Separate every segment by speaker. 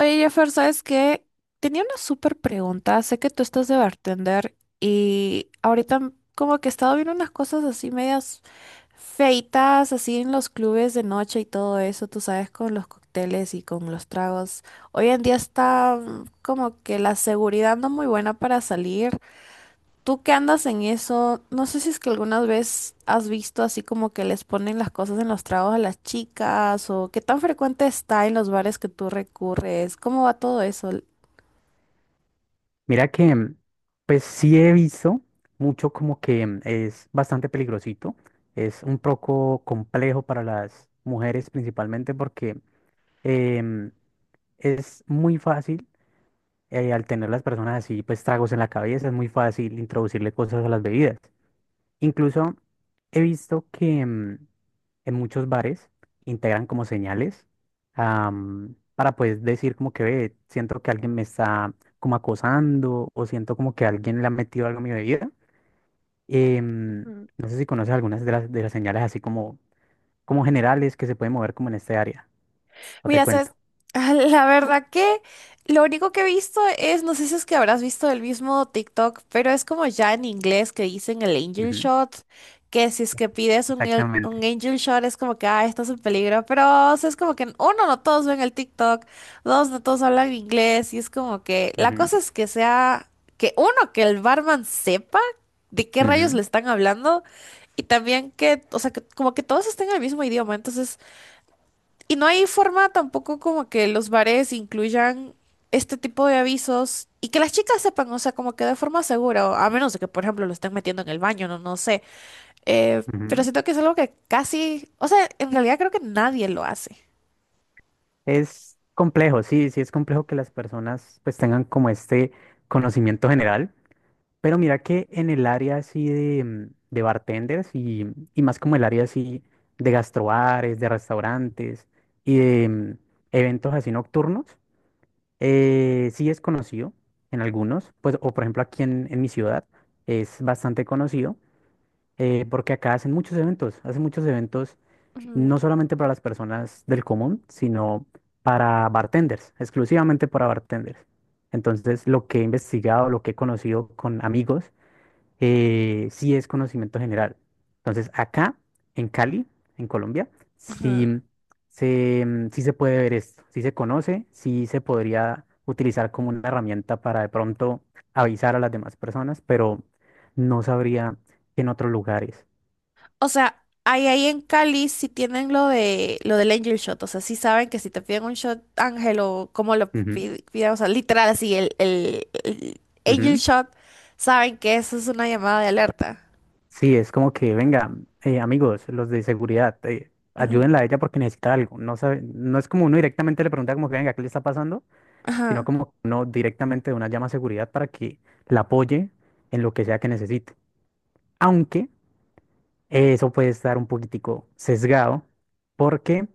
Speaker 1: Oye, Jeffer, ¿sabes qué? Tenía una súper pregunta. Sé que tú estás de bartender y ahorita como que he estado viendo unas cosas así medias feitas, así en los clubes de noche y todo eso, tú sabes, con los cócteles y con los tragos. Hoy en día está como que la seguridad no muy buena para salir. Tú que andas en eso, no sé si es que alguna vez has visto así como que les ponen las cosas en los tragos a las chicas o qué tan frecuente está en los bares que tú recurres. ¿Cómo va todo eso?
Speaker 2: Mira que, pues sí he visto mucho como que es bastante peligrosito, es un poco complejo para las mujeres principalmente porque em, es muy fácil al tener las personas así, pues tragos en la cabeza, es muy fácil introducirle cosas a las bebidas. Incluso he visto que en muchos bares integran como señales, para pues decir como que ve, siento que alguien me está como acosando o siento como que alguien le ha metido algo a mi bebida. Em,
Speaker 1: Ujú.
Speaker 2: no sé si conoces algunas de las señales así como, como generales que se pueden mover como en este área. O te
Speaker 1: Mira, sabes,
Speaker 2: cuento.
Speaker 1: la verdad que lo único que he visto es, no sé si es que habrás visto el mismo TikTok, pero es como ya en inglés que dicen el angel
Speaker 2: Ujú.
Speaker 1: shot, que si es que pides un
Speaker 2: Exactamente.
Speaker 1: angel shot es como que, ah, estás en peligro, pero o sea, es como que uno, no todos ven el TikTok, dos, no todos hablan inglés, y es como que la
Speaker 2: Ujú,
Speaker 1: cosa es que sea, que uno, que el barman sepa de qué rayos
Speaker 2: ujú,
Speaker 1: le están hablando. Y también que, o sea, que como que todos estén en el mismo idioma. Entonces, y no hay forma tampoco como que los bares incluyan este tipo de avisos y que las chicas sepan, o sea, como que de forma segura, o a menos de que, por ejemplo, lo estén metiendo en el baño, no, no sé. Pero
Speaker 2: ujú.
Speaker 1: siento que es algo que casi, o sea, en realidad creo que nadie lo hace.
Speaker 2: Es complejo, sí, sí es complejo que las personas pues tengan como este conocimiento general. Pero mira que en el área así de, de bartenders y más como el área así de gastrobares, de restaurantes y de eventos así nocturnos, sí es conocido en algunos, pues, o por ejemplo aquí en mi ciudad es bastante conocido, porque acá hacen muchos eventos
Speaker 1: Ujú,
Speaker 2: no solamente para las personas del común, sino para bartenders, exclusivamente para bartenders. Entonces, lo que he investigado, lo que he conocido con amigos, sí es conocimiento general. Entonces, acá, en Cali, en Colombia, sí
Speaker 1: ujú.
Speaker 2: sí se puede ver esto, sí se conoce, sí se podría utilizar como una herramienta para de pronto avisar a las demás personas, pero no sabría que en otros lugares.
Speaker 1: O sea, ahí en Cali sí tienen lo del angel shot, o sea, sí saben que si te piden un shot ángel o como lo
Speaker 2: Ujú,
Speaker 1: piden, o sea, literal así el angel
Speaker 2: ujú.
Speaker 1: shot, saben que eso es una llamada de alerta.
Speaker 2: Sí, es como que, venga, amigos, los de seguridad,
Speaker 1: Ajá,
Speaker 2: ayúdenla a ella porque necesita algo. No sabe, no es como uno directamente le pregunta como que, venga, ¿qué le está pasando? Sino
Speaker 1: ajá,
Speaker 2: como no directamente de una llama a seguridad para que la apoye en lo que sea que necesite. Aunque eso puede estar un poquitico sesgado porque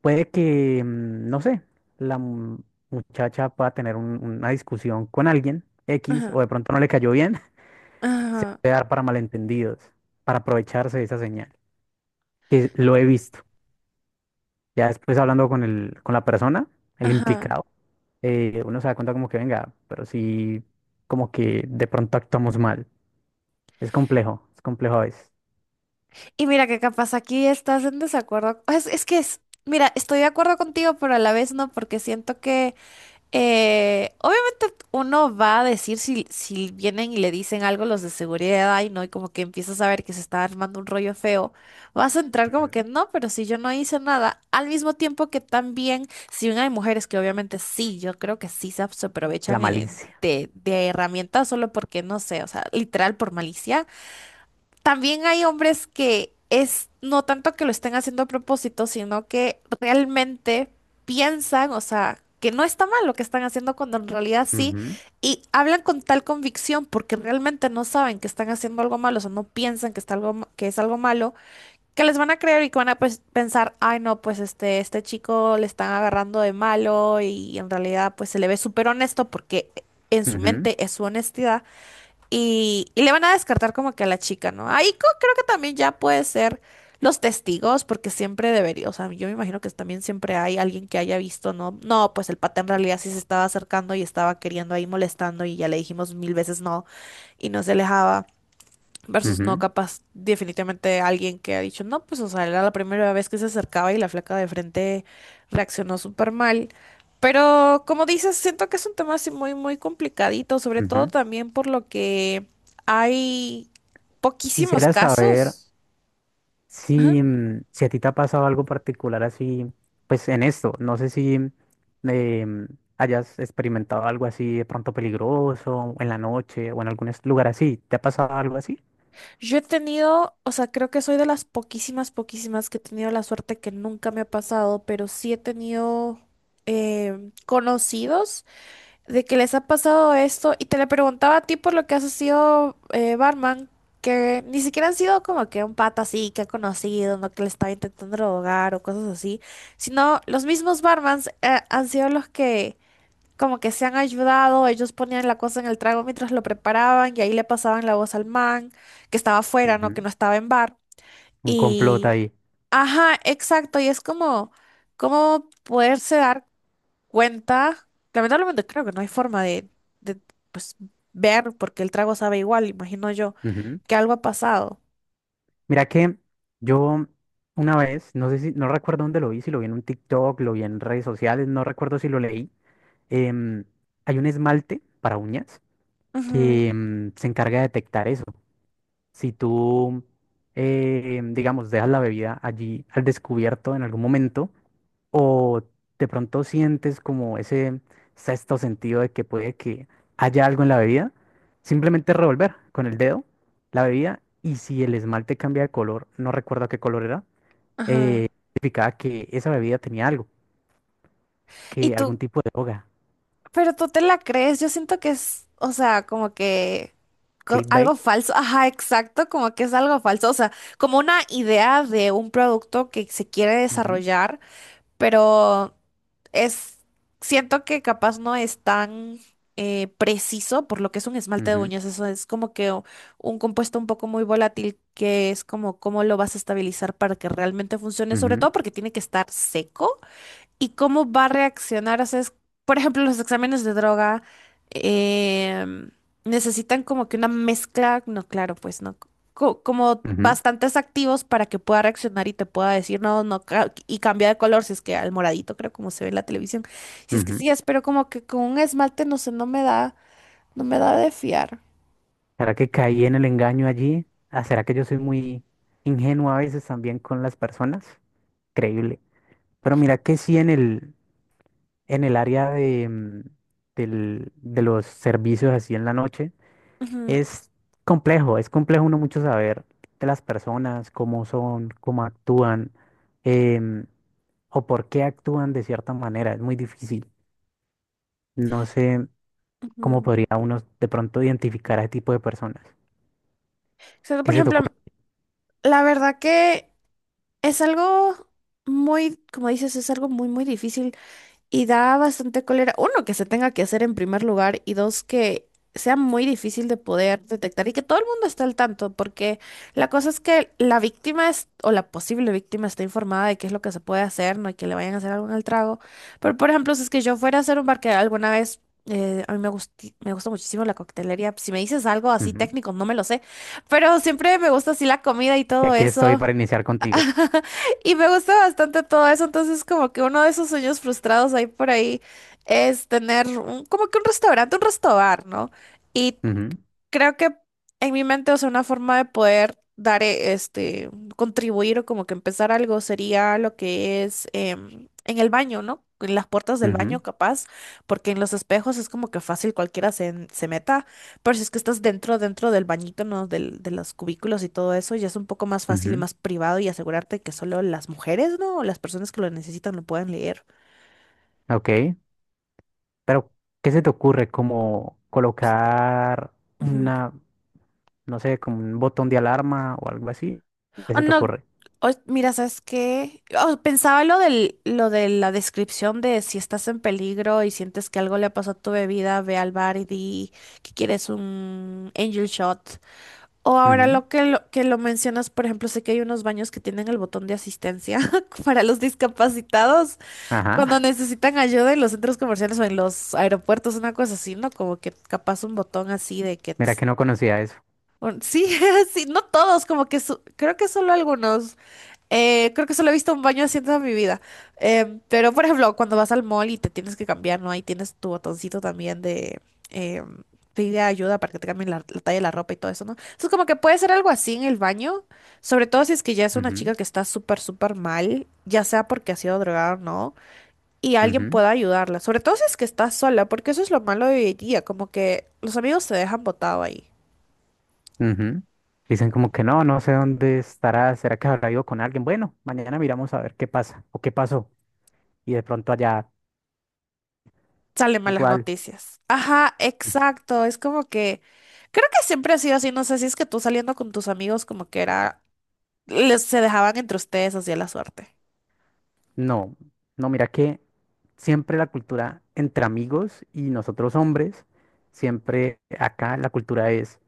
Speaker 2: puede que, no sé, la mu- muchacha pueda tener una discusión con alguien X
Speaker 1: ajá,
Speaker 2: o de pronto no le cayó bien, se
Speaker 1: ajá,
Speaker 2: puede dar para malentendidos, para aprovecharse de esa señal, que lo he visto. Ya después hablando con el, con la persona, el
Speaker 1: ajá.
Speaker 2: implicado, uno se da cuenta como que venga, pero sí, como que de pronto actuamos mal. Es complejo a veces.
Speaker 1: Y mira que capaz aquí estás en desacuerdo. Mira, estoy de acuerdo contigo, pero a la vez no, porque siento que obviamente uno va a decir si vienen y le dicen algo los de seguridad, y ¿no? Y como que empiezas a ver que se está armando un rollo feo, vas a entrar como
Speaker 2: Ujú.
Speaker 1: que no, pero si yo no hice nada, al mismo tiempo que también, si bien hay mujeres que obviamente sí, yo creo que sí se
Speaker 2: La
Speaker 1: aprovechan eh,
Speaker 2: malicia.
Speaker 1: de, de herramientas solo porque, no sé, o sea, literal por malicia. También hay hombres que es no tanto que lo estén haciendo a propósito, sino que realmente piensan, o sea, que no está mal lo que están haciendo cuando en realidad sí,
Speaker 2: Ujú,
Speaker 1: y hablan con tal convicción porque realmente no saben que están haciendo algo malo, o sea, no piensan que está algo, que es algo malo, que les van a creer y que van a pues, pensar, ay no, pues este chico le están agarrando de malo y en realidad pues se le ve súper honesto porque en su
Speaker 2: ujú,
Speaker 1: mente es su honestidad. Y le van a descartar como que a la chica, ¿no? Ahí creo que también ya puede ser los testigos, porque siempre debería, o sea, yo me imagino que también siempre hay alguien que haya visto, ¿no? No, pues el pata en realidad sí se estaba acercando y estaba queriendo ahí molestando y ya le dijimos mil veces no y no se alejaba. Versus no,
Speaker 2: ujú,
Speaker 1: capaz, definitivamente alguien que ha dicho, no, pues, o sea, era la primera vez que se acercaba y la flaca de frente reaccionó súper mal. Pero, como dices, siento que es un tema así muy, muy complicadito, sobre todo
Speaker 2: ujú.
Speaker 1: también por lo que hay poquísimos
Speaker 2: Quisiera saber
Speaker 1: casos.
Speaker 2: si, si a ti te ha pasado algo particular así, pues en esto. No sé si eh, hayas experimentado algo así de pronto peligroso o en la noche o en algún lugar así. ¿Te ha pasado algo así?
Speaker 1: Yo he tenido, o sea, creo que soy de las poquísimas, poquísimas que he tenido la suerte que nunca me ha pasado, pero sí he tenido conocidos de que les ha pasado esto y te le preguntaba a ti por lo que has sido barman, que ni siquiera han sido como que un pata así que ha conocido, no que le estaba intentando drogar o cosas así, sino los mismos barmans han sido los que como que se han ayudado, ellos ponían la cosa en el trago mientras lo preparaban y ahí le pasaban la voz al man que estaba afuera, ¿no? Que
Speaker 2: Ujú.
Speaker 1: no estaba en bar.
Speaker 2: Un complot
Speaker 1: Y...
Speaker 2: ahí.
Speaker 1: Ajá, exacto, y es como. ¿Cómo poderse dar cuenta? Lamentablemente creo que no hay forma de, de, pues, ver, porque el trago sabe igual, imagino yo,
Speaker 2: Ujú.
Speaker 1: que algo ha pasado.
Speaker 2: Mira que yo una vez, no sé si, no recuerdo dónde lo vi, si lo vi en un TikTok, lo vi en redes sociales, no recuerdo si lo leí. em, Hay un esmalte para uñas
Speaker 1: Ujú,
Speaker 2: que se encarga de detectar eso. Si tú, digamos, dejas la bebida allí al descubierto en algún momento, o de pronto sientes como ese sexto sentido de que puede que haya algo en la bebida. Simplemente revolver con el dedo la bebida y si el esmalte cambia de color, no recuerdo qué color era,
Speaker 1: ajá.
Speaker 2: eh, significaba que esa bebida tenía algo,
Speaker 1: Y
Speaker 2: que algún
Speaker 1: tú,
Speaker 2: tipo de droga.
Speaker 1: pero tú te la crees, yo siento que es, o sea, como que
Speaker 2: Clickbait.
Speaker 1: algo falso, ajá, exacto, como que es algo falso, o sea, como una idea de un producto que se quiere
Speaker 2: Ujú,
Speaker 1: desarrollar. Pero es, siento que capaz no es tan preciso por lo que es un esmalte de
Speaker 2: ujú,
Speaker 1: uñas. Eso es como que un compuesto un poco muy volátil que es como cómo lo vas a estabilizar para que realmente funcione, sobre
Speaker 2: ujú,
Speaker 1: todo porque tiene que estar seco y cómo va a reaccionar. O sea, por ejemplo, los exámenes de droga em, necesitan como que una mezcla, no, claro, pues no, como
Speaker 2: ujú,
Speaker 1: bastantes activos para que pueda reaccionar y te pueda decir no, no, y cambia de color, si es que al moradito, creo, como se ve en la televisión. Si es que
Speaker 2: ujú.
Speaker 1: sí, espero como que con un esmalte, no sé, no me da de fiar.
Speaker 2: ¿Será que caí en el engaño allí? Ah, ¿será que yo soy muy ingenuo a veces también con las personas? Increíble. Pero mira que sí en el área de, de los servicios así en la noche,
Speaker 1: Ujú,
Speaker 2: es es complejo uno mucho saber de las personas, cómo son, cómo actúan, em, o por qué actúan de cierta manera, es muy difícil. No sé cómo
Speaker 1: ujú.
Speaker 2: podría uno de pronto identificar a ese tipo de personas.
Speaker 1: O sea,
Speaker 2: ¿Qué
Speaker 1: por
Speaker 2: se te
Speaker 1: ejemplo,
Speaker 2: ocurre?
Speaker 1: la verdad que es algo muy, como dices, es algo muy, muy difícil. Y da bastante cólera, uno, que se tenga que hacer en primer lugar y dos, que sea muy difícil de poder detectar y que todo el mundo esté al tanto, porque la cosa es que la víctima es, o la posible víctima está informada de qué es lo que se puede hacer, no hay que le vayan a hacer algo en el trago. Pero, por ejemplo, si es que yo fuera a hacer un bar que alguna vez, a mí me me gusta muchísimo la coctelería, si me dices algo así
Speaker 2: Ujú.
Speaker 1: técnico, no me lo sé, pero siempre me gusta así la comida y
Speaker 2: Y
Speaker 1: todo
Speaker 2: aquí estoy
Speaker 1: eso.
Speaker 2: para iniciar contigo.
Speaker 1: Y me gusta bastante todo eso, entonces como que uno de esos sueños frustrados ahí por ahí es tener como que un restaurante, un restobar, ¿no? Y
Speaker 2: Ujú,
Speaker 1: creo que en mi mente, o sea, una forma de poder dar, contribuir o como que empezar algo sería lo que es en el baño, ¿no? En las puertas del baño,
Speaker 2: ujú,
Speaker 1: capaz, porque en los espejos es como que fácil cualquiera se meta, pero si es que estás dentro, del bañito, ¿no? De los cubículos y todo eso, ya es un poco más fácil y
Speaker 2: ujú.
Speaker 1: más privado y asegurarte que solo las mujeres, ¿no? O las personas que lo necesitan lo puedan leer.
Speaker 2: Ok, pero ¿qué se te ocurre? Como colocar una... no sé, como un botón de alarma o algo así. ¿Qué
Speaker 1: Oh,
Speaker 2: se te
Speaker 1: no,
Speaker 2: ocurre?
Speaker 1: oh, mira, ¿sabes qué? Oh, pensaba lo de la descripción de si estás en peligro y sientes que algo le pasó a tu bebida, ve al bar y di que quieres un angel shot. O ahora
Speaker 2: Ujú.
Speaker 1: que lo mencionas, por ejemplo, sé que hay unos baños que tienen el botón de asistencia para los discapacitados cuando
Speaker 2: Ajá,
Speaker 1: necesitan ayuda en los centros comerciales o en los aeropuertos, una cosa así, ¿no? Como que capaz un botón así de que,
Speaker 2: mira
Speaker 1: tss,
Speaker 2: que no conocía eso.
Speaker 1: Sí, sí, no todos, como que creo que solo algunos. Creo que solo he visto un baño así en toda mi vida. Pero, por ejemplo, cuando vas al mall y te tienes que cambiar, ¿no? Ahí tienes tu botoncito también de eh, pide ayuda para que te cambien la talla de la ropa y todo eso, ¿no? Entonces, como que puede ser algo así en el baño, sobre todo si es que ya es una
Speaker 2: Ujú,
Speaker 1: chica que está súper, súper mal, ya sea porque ha sido drogada o no, y alguien
Speaker 2: ujú,
Speaker 1: pueda ayudarla, sobre todo si es que está sola, porque eso es lo malo de hoy en día, como que los amigos se dejan botado ahí.
Speaker 2: ujú. Dicen como que no, no sé dónde estará, será que habrá ido con alguien. Bueno, mañana miramos a ver qué pasa o qué pasó. Y de pronto allá,
Speaker 1: Salen malas
Speaker 2: igual,
Speaker 1: noticias. Ajá, exacto. Es como que creo que siempre ha sido así. No sé si es que tú saliendo con tus amigos como que era, se dejaban entre ustedes así a la suerte.
Speaker 2: no, no, mira que siempre la cultura entre amigos y nosotros hombres, siempre acá la cultura es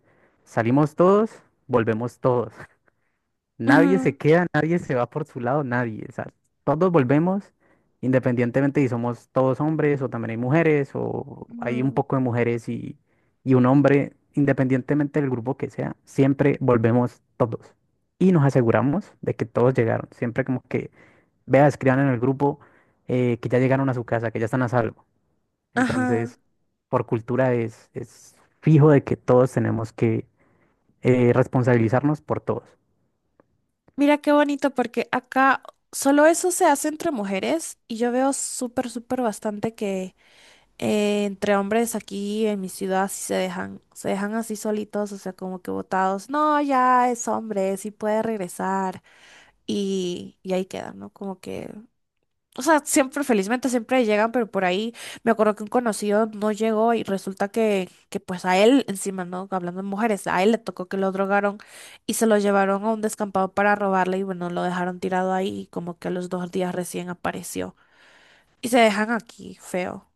Speaker 2: salimos todos, volvemos todos. Nadie se
Speaker 1: Ujú,
Speaker 2: queda, nadie se va por su lado, nadie. O sea, todos volvemos, independientemente si somos todos hombres o también hay mujeres o hay un
Speaker 1: ujú.
Speaker 2: poco de mujeres y un hombre, independientemente del grupo que sea, siempre volvemos todos. Y nos aseguramos de que todos llegaron. Siempre como que, vea, escriban en el grupo que ya llegaron a su casa, que ya están a salvo.
Speaker 1: Ajá.
Speaker 2: Entonces, por cultura es fijo de que todos tenemos que responsabilizarnos por todos.
Speaker 1: Mira qué bonito porque acá solo eso se hace entre mujeres y yo veo súper, súper bastante que entre hombres aquí en mi ciudad sí se dejan así solitos, o sea, como que botados. No, ya es hombre, sí puede regresar y ahí quedan, ¿no? Como que O sea, siempre, felizmente, siempre llegan, pero por ahí me acuerdo que un conocido no llegó y resulta que pues a él, encima, ¿no? Hablando de mujeres, a él le tocó que lo drogaron y se lo llevaron a un descampado para robarle y bueno, lo dejaron tirado ahí y como que a los 2 días recién apareció. Y se dejan aquí, feo.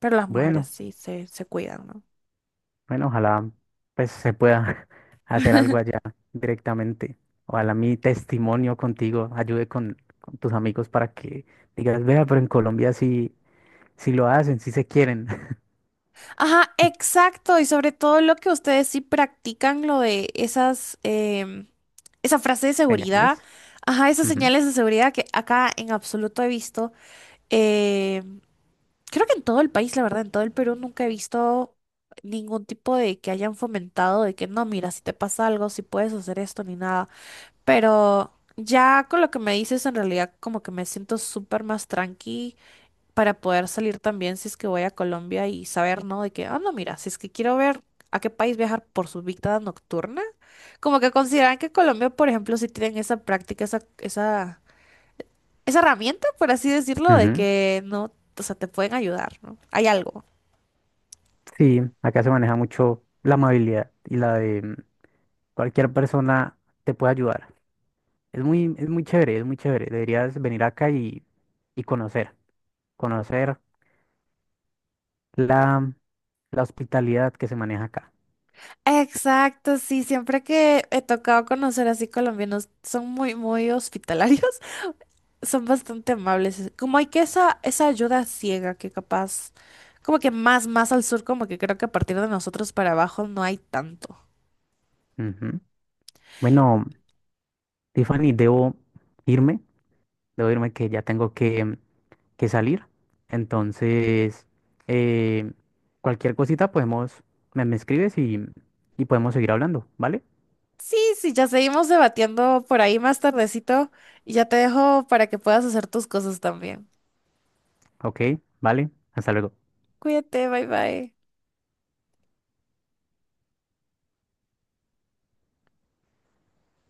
Speaker 1: Pero las mujeres
Speaker 2: Bueno.
Speaker 1: sí se cuidan, ¿no?
Speaker 2: Bueno, ojalá pues se pueda hacer algo allá directamente. Ojalá mi testimonio contigo ayude con tus amigos para que digas, vea, pero en Colombia sí, sí lo hacen, sí se quieren.
Speaker 1: Ajá, exacto. Y sobre todo lo que ustedes sí practican, lo de esas, esa frase de seguridad,
Speaker 2: Señales.
Speaker 1: ajá, esas
Speaker 2: Ujú,
Speaker 1: señales de seguridad que acá en absoluto he visto. Em, creo que en todo el país, la verdad, en todo el Perú nunca he visto ningún tipo de que hayan fomentado de que no, mira, si te pasa algo, si puedes hacer esto ni nada. Pero ya con lo que me dices, en realidad como que me siento súper más tranqui para poder salir también si es que voy a Colombia y saber, ¿no? De que, ah, no, mira, si es que quiero ver a qué país viajar por su vida nocturna, como que consideran que Colombia, por ejemplo, sí tienen esa práctica, esa, herramienta, por así decirlo, de
Speaker 2: ujú.
Speaker 1: que no, o sea, te pueden ayudar, ¿no? Hay algo.
Speaker 2: Sí, acá se maneja mucho la amabilidad y la de cualquier persona te puede ayudar. Es muy chévere, es muy chévere. Deberías venir acá y conocer, conocer la, la hospitalidad que se maneja acá.
Speaker 1: Exacto, sí, siempre que he tocado conocer así colombianos, son muy, muy hospitalarios. Son bastante amables. Como hay que esa ayuda ciega que capaz, como que más, más al sur, como que creo que a partir de nosotros para abajo no hay tanto.
Speaker 2: Ujú. Bueno. Tiffany, irme, debo irme que ya tengo que salir. Entonces, eh, cualquier cosita podemos, me escribes y podemos seguir hablando, ¿vale?
Speaker 1: Sí, sí, ya seguimos debatiendo por ahí más tardecito y ya te dejo para que puedas hacer tus cosas también.
Speaker 2: Ok, vale, hasta luego.
Speaker 1: Cuídate, bye bye.